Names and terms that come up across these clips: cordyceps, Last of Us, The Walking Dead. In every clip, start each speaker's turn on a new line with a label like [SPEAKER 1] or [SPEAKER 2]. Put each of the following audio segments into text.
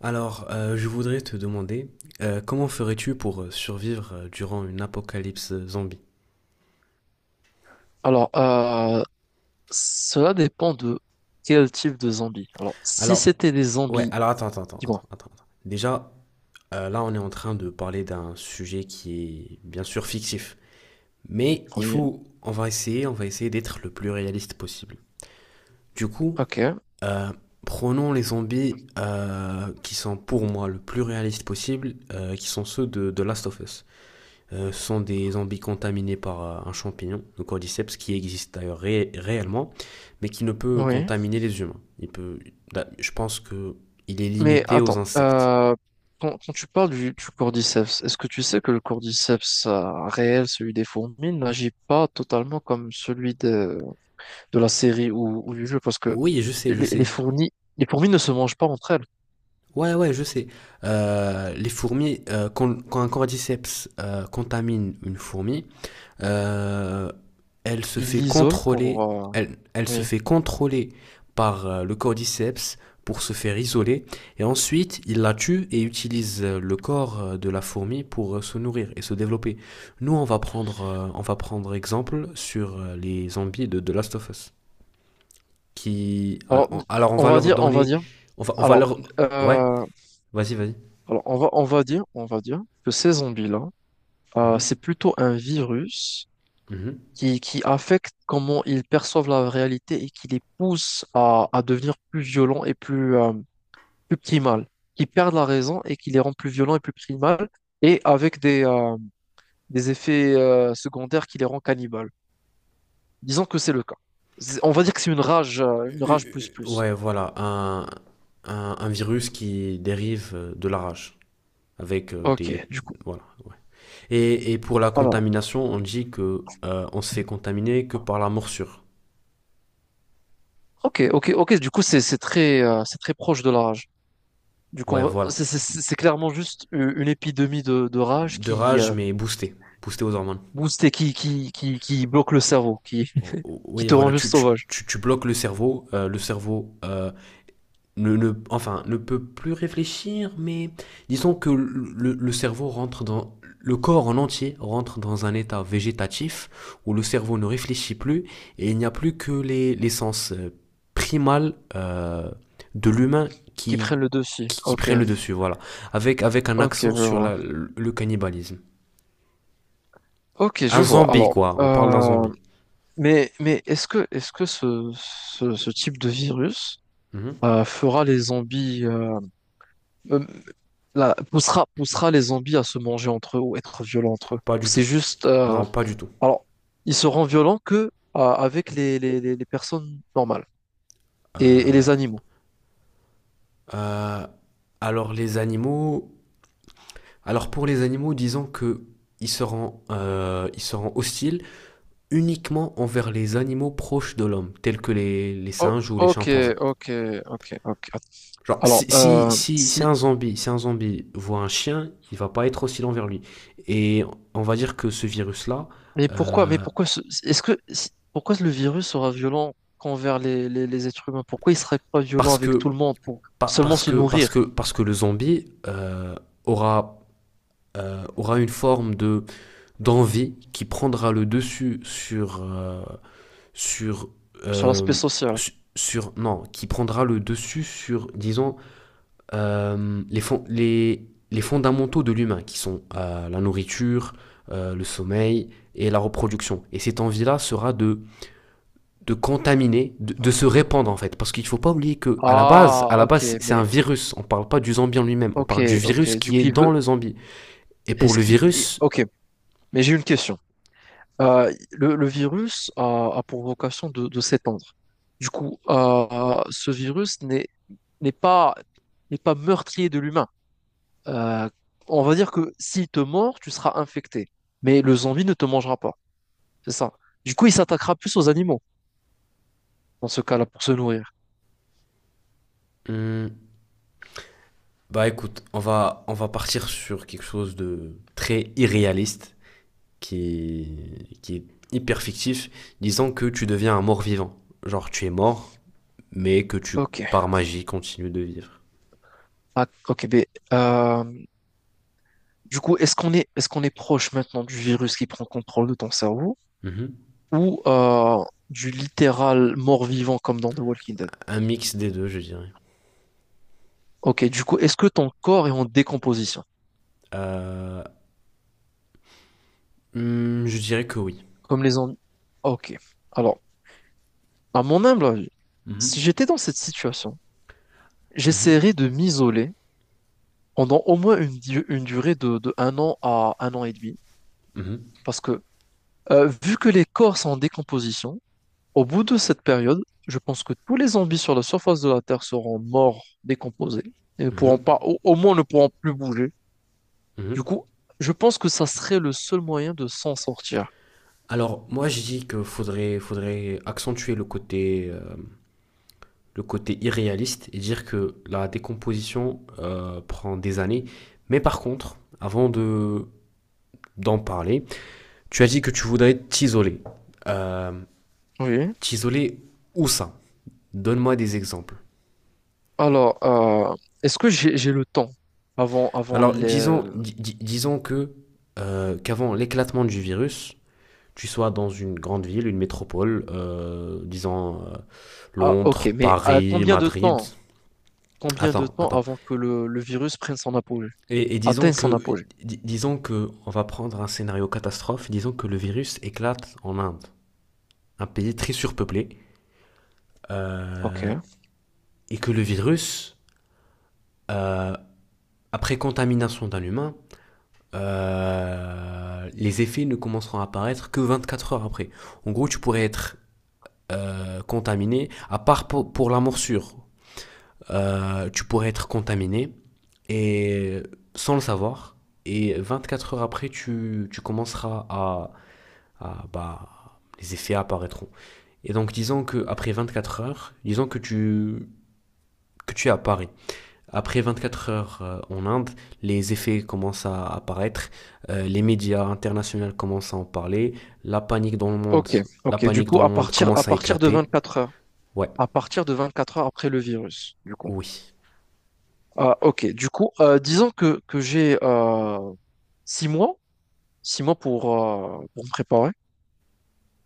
[SPEAKER 1] Alors, je voudrais te demander, comment ferais-tu pour survivre durant une apocalypse zombie?
[SPEAKER 2] Alors, cela dépend de quel type de zombie. Alors, si
[SPEAKER 1] Alors,
[SPEAKER 2] c'était des
[SPEAKER 1] ouais,
[SPEAKER 2] zombies,
[SPEAKER 1] alors attends, attends, attends, attends,
[SPEAKER 2] dis-moi.
[SPEAKER 1] attends, attends. Déjà, là, on est en train de parler d'un sujet qui est bien sûr fictif. Mais
[SPEAKER 2] Oui,
[SPEAKER 1] on va essayer d'être le plus réaliste possible. Du coup,
[SPEAKER 2] ok,
[SPEAKER 1] euh, prenons les zombies qui sont pour moi le plus réaliste possible, qui sont ceux de Last of Us. Sont des zombies contaminés par un champignon, le cordyceps, qui existe d'ailleurs réellement, mais qui ne peut
[SPEAKER 2] oui.
[SPEAKER 1] contaminer les humains. Il peut, bah, je pense que il est
[SPEAKER 2] Mais
[SPEAKER 1] limité aux
[SPEAKER 2] attends,
[SPEAKER 1] insectes.
[SPEAKER 2] quand tu parles du cordyceps, est-ce que tu sais que le cordyceps réel, celui des fourmis, n'agit pas totalement comme celui de la série ou du jeu? Parce que
[SPEAKER 1] Oui, je sais,
[SPEAKER 2] les,
[SPEAKER 1] je
[SPEAKER 2] les
[SPEAKER 1] sais.
[SPEAKER 2] fourmis, les fourmis ne se mangent pas entre elles.
[SPEAKER 1] Ouais, ouais, je sais. Les fourmis, quand un cordyceps contamine une fourmi. Euh, Elle se
[SPEAKER 2] Ils
[SPEAKER 1] fait
[SPEAKER 2] l'isolent
[SPEAKER 1] contrôler, elle se
[SPEAKER 2] Oui.
[SPEAKER 1] fait contrôler par le cordyceps pour se faire isoler. Et ensuite, il la tue et utilise le corps de la fourmi pour se nourrir et se développer. Nous, on va prendre exemple sur les zombies de The Last of Us. Qui,
[SPEAKER 2] Alors,
[SPEAKER 1] alors,
[SPEAKER 2] on
[SPEAKER 1] va
[SPEAKER 2] va
[SPEAKER 1] leur
[SPEAKER 2] dire, on va
[SPEAKER 1] donner,
[SPEAKER 2] dire.
[SPEAKER 1] on va, on va
[SPEAKER 2] Alors,
[SPEAKER 1] leur, ouais,
[SPEAKER 2] euh,
[SPEAKER 1] vas-y, vas-y.
[SPEAKER 2] alors, on va dire que ces zombies-là,
[SPEAKER 1] Mhm.
[SPEAKER 2] c'est plutôt un virus
[SPEAKER 1] Mhm.
[SPEAKER 2] qui affecte comment ils perçoivent la réalité et qui les pousse à devenir plus violents et plus primals, qui perdent la raison et qui les rend plus violents et plus primals, et avec des effets secondaires qui les rend cannibales. Disons que c'est le cas. On va dire que c'est une rage plus plus.
[SPEAKER 1] Ouais, voilà, un virus qui dérive de la rage. Avec
[SPEAKER 2] Ok,
[SPEAKER 1] des.
[SPEAKER 2] du coup.
[SPEAKER 1] Voilà. Ouais. Et pour la
[SPEAKER 2] Alors,
[SPEAKER 1] contamination, on dit que on se fait contaminer que par la morsure.
[SPEAKER 2] ok, ok, ok. Du coup, c'est très proche de la rage. Du coup, on
[SPEAKER 1] Ouais,
[SPEAKER 2] va-
[SPEAKER 1] voilà.
[SPEAKER 2] c'est clairement juste une épidémie de rage
[SPEAKER 1] De
[SPEAKER 2] qui
[SPEAKER 1] rage, mais boosté, boosté aux hormones.
[SPEAKER 2] booste et qui bloque le cerveau, qui,
[SPEAKER 1] Oh, oh,
[SPEAKER 2] qui
[SPEAKER 1] oui,
[SPEAKER 2] te
[SPEAKER 1] voilà,
[SPEAKER 2] rend juste
[SPEAKER 1] tu, tu,
[SPEAKER 2] sauvage,
[SPEAKER 1] tu, tu bloques le cerveau, enfin, ne peut plus réfléchir, mais disons que le cerveau le corps en entier rentre dans un état végétatif où le cerveau ne réfléchit plus et il n'y a plus que les sens primals de l'humain
[SPEAKER 2] qui
[SPEAKER 1] qui,
[SPEAKER 2] prennent le dessus.
[SPEAKER 1] qui, qui
[SPEAKER 2] Ok,
[SPEAKER 1] prennent le dessus, voilà. Avec un
[SPEAKER 2] ok, je
[SPEAKER 1] accent sur
[SPEAKER 2] vois.
[SPEAKER 1] le cannibalisme.
[SPEAKER 2] Ok, je
[SPEAKER 1] Un
[SPEAKER 2] vois.
[SPEAKER 1] zombie,
[SPEAKER 2] Alors,
[SPEAKER 1] quoi. On parle d'un
[SPEAKER 2] euh,
[SPEAKER 1] zombie.
[SPEAKER 2] mais est-ce que ce type de virus
[SPEAKER 1] Mhm.
[SPEAKER 2] fera les zombies, euh, poussera les zombies à se manger entre eux ou être violents entre eux?
[SPEAKER 1] Pas
[SPEAKER 2] Ou
[SPEAKER 1] du tout.
[SPEAKER 2] c'est juste,
[SPEAKER 1] Non, pas du tout.
[SPEAKER 2] alors, ils seront violents que avec les personnes normales et
[SPEAKER 1] Euh,
[SPEAKER 2] les animaux.
[SPEAKER 1] euh, alors les animaux, Alors pour les animaux, disons que il se rend hostile uniquement envers les animaux proches de l'homme, tels que les singes ou les
[SPEAKER 2] Ok,
[SPEAKER 1] chimpanzés.
[SPEAKER 2] ok, ok, ok.
[SPEAKER 1] Genre,
[SPEAKER 2] Alors,
[SPEAKER 1] si, si, si, si
[SPEAKER 2] si,
[SPEAKER 1] un zombie voit un chien, il va pas être hostile envers lui. Et on va dire que ce virus-là,
[SPEAKER 2] mais
[SPEAKER 1] euh,
[SPEAKER 2] pourquoi, ce- est-ce que, si- pourquoi le virus sera violent qu'envers les êtres humains? Pourquoi il serait pas violent
[SPEAKER 1] parce
[SPEAKER 2] avec tout
[SPEAKER 1] que
[SPEAKER 2] le monde pour seulement
[SPEAKER 1] parce
[SPEAKER 2] se
[SPEAKER 1] que parce
[SPEAKER 2] nourrir
[SPEAKER 1] que parce que le zombie aura aura une forme de d'envie qui prendra le dessus sur,
[SPEAKER 2] sur l'aspect
[SPEAKER 1] euh,
[SPEAKER 2] social?
[SPEAKER 1] sur non, qui prendra le dessus sur, disons, les fondamentaux de l'humain, qui sont la nourriture, le sommeil et la reproduction. Et cette envie-là sera de contaminer, de se
[SPEAKER 2] Ah,
[SPEAKER 1] répandre en
[SPEAKER 2] ok.
[SPEAKER 1] fait, parce qu'il ne faut pas oublier que à
[SPEAKER 2] Ah,
[SPEAKER 1] la
[SPEAKER 2] ok,
[SPEAKER 1] base, un
[SPEAKER 2] mais
[SPEAKER 1] virus. On ne parle pas du zombie en lui-même, on
[SPEAKER 2] ok,
[SPEAKER 1] parle du
[SPEAKER 2] ok.
[SPEAKER 1] virus
[SPEAKER 2] Du
[SPEAKER 1] qui
[SPEAKER 2] coup,
[SPEAKER 1] est
[SPEAKER 2] il
[SPEAKER 1] dans
[SPEAKER 2] veut,
[SPEAKER 1] le zombie. Et pour
[SPEAKER 2] est-ce
[SPEAKER 1] le
[SPEAKER 2] qu'il,
[SPEAKER 1] virus,
[SPEAKER 2] ok. Mais j'ai une question. Le virus a pour vocation de s'étendre. Du coup, ce virus n'est pas n'est pas meurtrier de l'humain. Euh, on va dire que s'il te mord, tu seras infecté. Mais le zombie ne te mangera pas. C'est ça. Du coup, il s'attaquera plus aux animaux, dans ce cas-là, pour se nourrir.
[SPEAKER 1] hum, bah écoute, on va partir sur quelque chose de très irréaliste. Qui est hyper fictif, disant que tu deviens un mort-vivant. Genre, tu es mort, mais que tu,
[SPEAKER 2] Ok.
[SPEAKER 1] par magie, continues de vivre.
[SPEAKER 2] Ah, ok, mais, euh, du coup, est-ce qu'on est proche maintenant du virus qui prend contrôle de ton cerveau
[SPEAKER 1] Mhm.
[SPEAKER 2] ou du littéral mort-vivant comme dans The Walking Dead?
[SPEAKER 1] Un mix des deux, je dirais.
[SPEAKER 2] Ok, du coup, est-ce que ton corps est en décomposition,
[SPEAKER 1] Euh, je dirais que oui.
[SPEAKER 2] comme les zombies? Ok. Alors, à mon humble avis,
[SPEAKER 1] Mhm.
[SPEAKER 2] si j'étais dans cette situation,
[SPEAKER 1] Mhm.
[SPEAKER 2] j'essaierais de m'isoler pendant au moins une durée de un an à un an et demi.
[SPEAKER 1] Mhm,
[SPEAKER 2] Parce que, vu que les corps sont en décomposition, au bout de cette période, je pense que tous les zombies sur la surface de la Terre seront morts, décomposés, et ne pourront
[SPEAKER 1] mhm,
[SPEAKER 2] pas, au moins ne pourront plus bouger. Du
[SPEAKER 1] mhm.
[SPEAKER 2] coup, je pense que ça serait le seul moyen de s'en sortir.
[SPEAKER 1] Alors, moi, je dis que faudrait accentuer le côté irréaliste et dire que la décomposition prend des années. Mais par contre, avant de d'en parler, tu as dit que tu voudrais t'isoler. Euh,
[SPEAKER 2] Oui.
[SPEAKER 1] T'isoler où ça? Donne-moi des exemples.
[SPEAKER 2] Alors, est-ce que j'ai le temps avant
[SPEAKER 1] Alors,
[SPEAKER 2] les.
[SPEAKER 1] disons que qu'avant l'éclatement du virus, tu sois dans une grande ville, une métropole, disons
[SPEAKER 2] Ah, ok,
[SPEAKER 1] Londres,
[SPEAKER 2] mais à
[SPEAKER 1] Paris,
[SPEAKER 2] combien de
[SPEAKER 1] Madrid.
[SPEAKER 2] temps, combien de
[SPEAKER 1] Attends,
[SPEAKER 2] temps
[SPEAKER 1] attends.
[SPEAKER 2] avant que le virus prenne son apogée,
[SPEAKER 1] Et disons
[SPEAKER 2] atteigne son
[SPEAKER 1] que
[SPEAKER 2] apogée?
[SPEAKER 1] di- disons que on va prendre un scénario catastrophe. Disons que le virus éclate en Inde, un pays très surpeuplé,
[SPEAKER 2] Ok,
[SPEAKER 1] euh, et que le virus euh, Après contamination d'un humain, les effets ne commenceront à apparaître que 24 heures après. En gros, tu pourrais être contaminé, à part pour la morsure, tu pourrais être contaminé et sans le savoir. Et 24 heures après, tu commenceras bah, les effets apparaîtront. Et donc, disons que après 24 heures, disons que tu es à Paris. Après 24 heures en Inde, les effets commencent à apparaître, les médias internationaux commencent à en parler, la panique dans le monde,
[SPEAKER 2] ok,
[SPEAKER 1] la
[SPEAKER 2] ok. Du
[SPEAKER 1] panique
[SPEAKER 2] coup,
[SPEAKER 1] dans le
[SPEAKER 2] à
[SPEAKER 1] monde
[SPEAKER 2] partir, à
[SPEAKER 1] commence à
[SPEAKER 2] partir de
[SPEAKER 1] éclater.
[SPEAKER 2] 24 heures,
[SPEAKER 1] Ouais,
[SPEAKER 2] à partir de 24 heures après le virus, du coup.
[SPEAKER 1] oui.
[SPEAKER 2] Ah, ok, du coup, disons que j'ai six mois, six mois pour me préparer.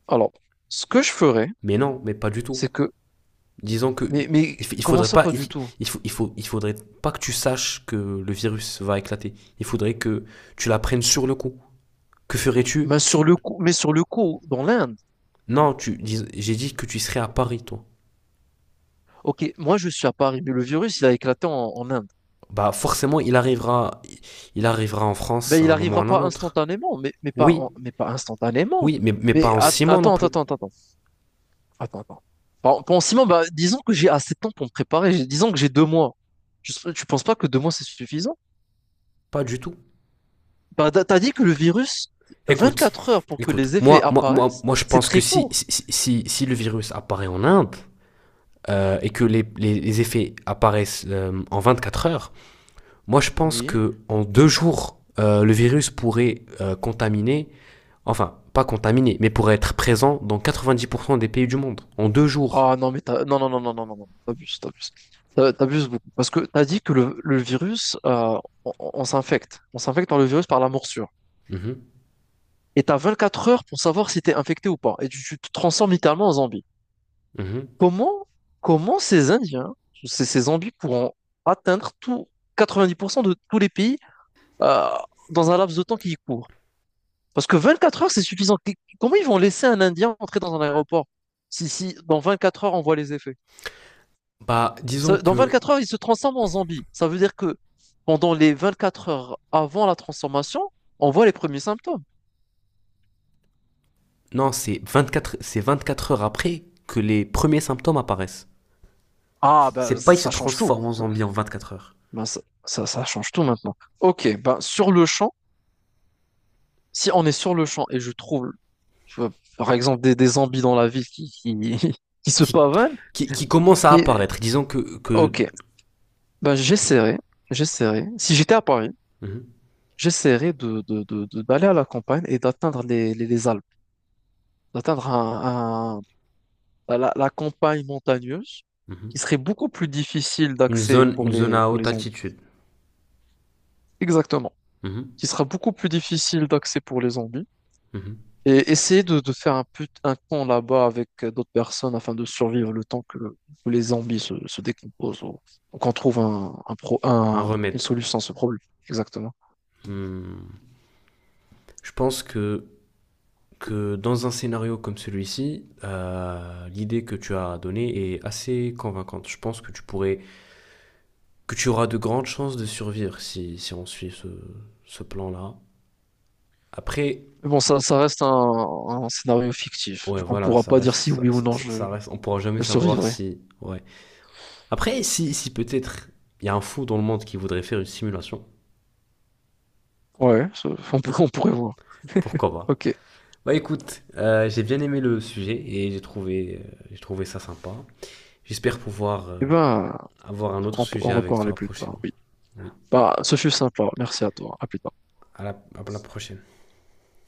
[SPEAKER 2] Alors, ce que je ferais,
[SPEAKER 1] Mais non, mais pas du tout.
[SPEAKER 2] c'est que,
[SPEAKER 1] Disons que
[SPEAKER 2] mais,
[SPEAKER 1] il,
[SPEAKER 2] mais
[SPEAKER 1] il
[SPEAKER 2] comment
[SPEAKER 1] faudrait
[SPEAKER 2] ça,
[SPEAKER 1] pas
[SPEAKER 2] pas du tout?
[SPEAKER 1] il faut il faudrait pas que tu saches que le virus va éclater. Il faudrait que tu l'apprennes sur le coup. Que ferais-tu?
[SPEAKER 2] Mais sur le coup, mais sur le coup, dans l'Inde,
[SPEAKER 1] Non, j'ai dit que tu serais à Paris toi.
[SPEAKER 2] ok, moi je suis à Paris, mais le virus, il a éclaté en, Inde.
[SPEAKER 1] Bah forcément, il arrivera en
[SPEAKER 2] Ben,
[SPEAKER 1] France à
[SPEAKER 2] il
[SPEAKER 1] un moment ou à
[SPEAKER 2] n'arrivera
[SPEAKER 1] un
[SPEAKER 2] pas
[SPEAKER 1] autre.
[SPEAKER 2] instantanément, mais, mais pas,
[SPEAKER 1] Oui,
[SPEAKER 2] en- mais pas instantanément.
[SPEAKER 1] oui, mais pas en 6 mois non
[SPEAKER 2] Attends,
[SPEAKER 1] plus.
[SPEAKER 2] attends, attends, attends. Attends, attends. Pour Simon, bah, disons que j'ai assez de temps pour me préparer. Disons que j'ai 2 mois. Tu penses pas que 2 mois, c'est suffisant?
[SPEAKER 1] Pas du tout.
[SPEAKER 2] Bah, t'as dit que le virus,
[SPEAKER 1] Écoute,
[SPEAKER 2] 24 heures pour que
[SPEAKER 1] écoute,
[SPEAKER 2] les effets
[SPEAKER 1] moi, moi, moi,
[SPEAKER 2] apparaissent,
[SPEAKER 1] moi je
[SPEAKER 2] c'est
[SPEAKER 1] pense que
[SPEAKER 2] très
[SPEAKER 1] si,
[SPEAKER 2] court.
[SPEAKER 1] si, si, si si le virus apparaît en Inde et que les effets apparaissent en 4 heures, moi je pense
[SPEAKER 2] Oui.
[SPEAKER 1] que en 2 jours, le virus pourrait contaminer, enfin, pas contaminer, mais pourrait être présent dans 90% des pays du monde. En 2 jours.
[SPEAKER 2] Ah non, mais Non, non, non, non, non, non, non, t'abuses, t'abuses. T'abuses beaucoup. Parce que t'as dit que le virus, on s'infecte. On s'infecte par le virus, par la morsure.
[SPEAKER 1] Mhm,
[SPEAKER 2] Et t'as 24 heures pour savoir si t'es infecté ou pas. Et tu te transformes littéralement en zombie.
[SPEAKER 1] mhm.
[SPEAKER 2] Comment, comment ces zombies pourront atteindre tout, 90% de tous les pays euh, dans un laps de temps qui court? Parce que 24 heures, c'est suffisant. Comment ils vont laisser un Indien entrer dans un aéroport si dans 24 heures, on voit les effets?
[SPEAKER 1] Bah, disons
[SPEAKER 2] Dans
[SPEAKER 1] que
[SPEAKER 2] 24 heures, il se transforme en zombie. Ça veut dire que pendant les 24 heures avant la transformation, on voit les premiers symptômes.
[SPEAKER 1] non, c'est vingt-quatre heures après que les premiers symptômes apparaissent.
[SPEAKER 2] Ah, ben,
[SPEAKER 1] C'est pas
[SPEAKER 2] ça
[SPEAKER 1] il se
[SPEAKER 2] ça change tout.
[SPEAKER 1] transforme en zombie en 24 heures.
[SPEAKER 2] Ben, ça change tout maintenant. Ok, ben, sur le champ, si on est sur le champ et je trouve euh, par exemple, des zombies dans la ville qui se
[SPEAKER 1] qui,
[SPEAKER 2] pavanent.
[SPEAKER 1] qui commence à
[SPEAKER 2] Et,
[SPEAKER 1] apparaître. Disons que.
[SPEAKER 2] ok, ben, j'essaierai. Si j'étais à Paris,
[SPEAKER 1] Mhm,
[SPEAKER 2] j'essaierai d'aller à la campagne et d'atteindre les Alpes, d'atteindre ben, la campagne montagneuse qui
[SPEAKER 1] mhm.
[SPEAKER 2] serait beaucoup plus difficile
[SPEAKER 1] Une,
[SPEAKER 2] d'accès
[SPEAKER 1] zone,
[SPEAKER 2] pour
[SPEAKER 1] une zone
[SPEAKER 2] les,
[SPEAKER 1] à
[SPEAKER 2] pour les
[SPEAKER 1] haute
[SPEAKER 2] zombies.
[SPEAKER 1] altitude.
[SPEAKER 2] Exactement.
[SPEAKER 1] Mhm,
[SPEAKER 2] Qui sera beaucoup plus difficile d'accès pour les zombies.
[SPEAKER 1] mhm.
[SPEAKER 2] Et essayer de faire un camp là-bas avec d'autres personnes afin de survivre le temps que les zombies se décomposent ou qu'on trouve un, un pro-
[SPEAKER 1] Un
[SPEAKER 2] un- une
[SPEAKER 1] remède.
[SPEAKER 2] solution à ce problème. Exactement.
[SPEAKER 1] hmm, je pense que dans un scénario comme celui-ci, l'idée que tu as donnée est assez convaincante. Je pense que que tu auras de grandes chances de survivre si on suit ce plan-là. Après,
[SPEAKER 2] Mais bon, ça reste un scénario fictif.
[SPEAKER 1] ouais,
[SPEAKER 2] Du coup, on
[SPEAKER 1] voilà,
[SPEAKER 2] pourra
[SPEAKER 1] ça
[SPEAKER 2] pas dire
[SPEAKER 1] reste,
[SPEAKER 2] si
[SPEAKER 1] ça,
[SPEAKER 2] oui ou
[SPEAKER 1] ça-
[SPEAKER 2] non je,
[SPEAKER 1] ça reste, on pourra jamais
[SPEAKER 2] je
[SPEAKER 1] savoir
[SPEAKER 2] survivrai.
[SPEAKER 1] si, ouais. Après, si peut-être il y a un fou dans le monde qui voudrait faire une simulation,
[SPEAKER 2] Ouais, on pourrait voir.
[SPEAKER 1] pourquoi pas.
[SPEAKER 2] Ok.
[SPEAKER 1] Bah écoute, j'ai bien aimé le sujet et j'ai trouvé ça sympa. J'espère pouvoir
[SPEAKER 2] Eh ben,
[SPEAKER 1] avoir un autre
[SPEAKER 2] on
[SPEAKER 1] sujet avec
[SPEAKER 2] reparlera
[SPEAKER 1] toi
[SPEAKER 2] plus tard.
[SPEAKER 1] prochainement.
[SPEAKER 2] Oui.
[SPEAKER 1] Oui,
[SPEAKER 2] Bah, ce fut sympa. Merci à toi. À plus tard.
[SPEAKER 1] à la prochaine.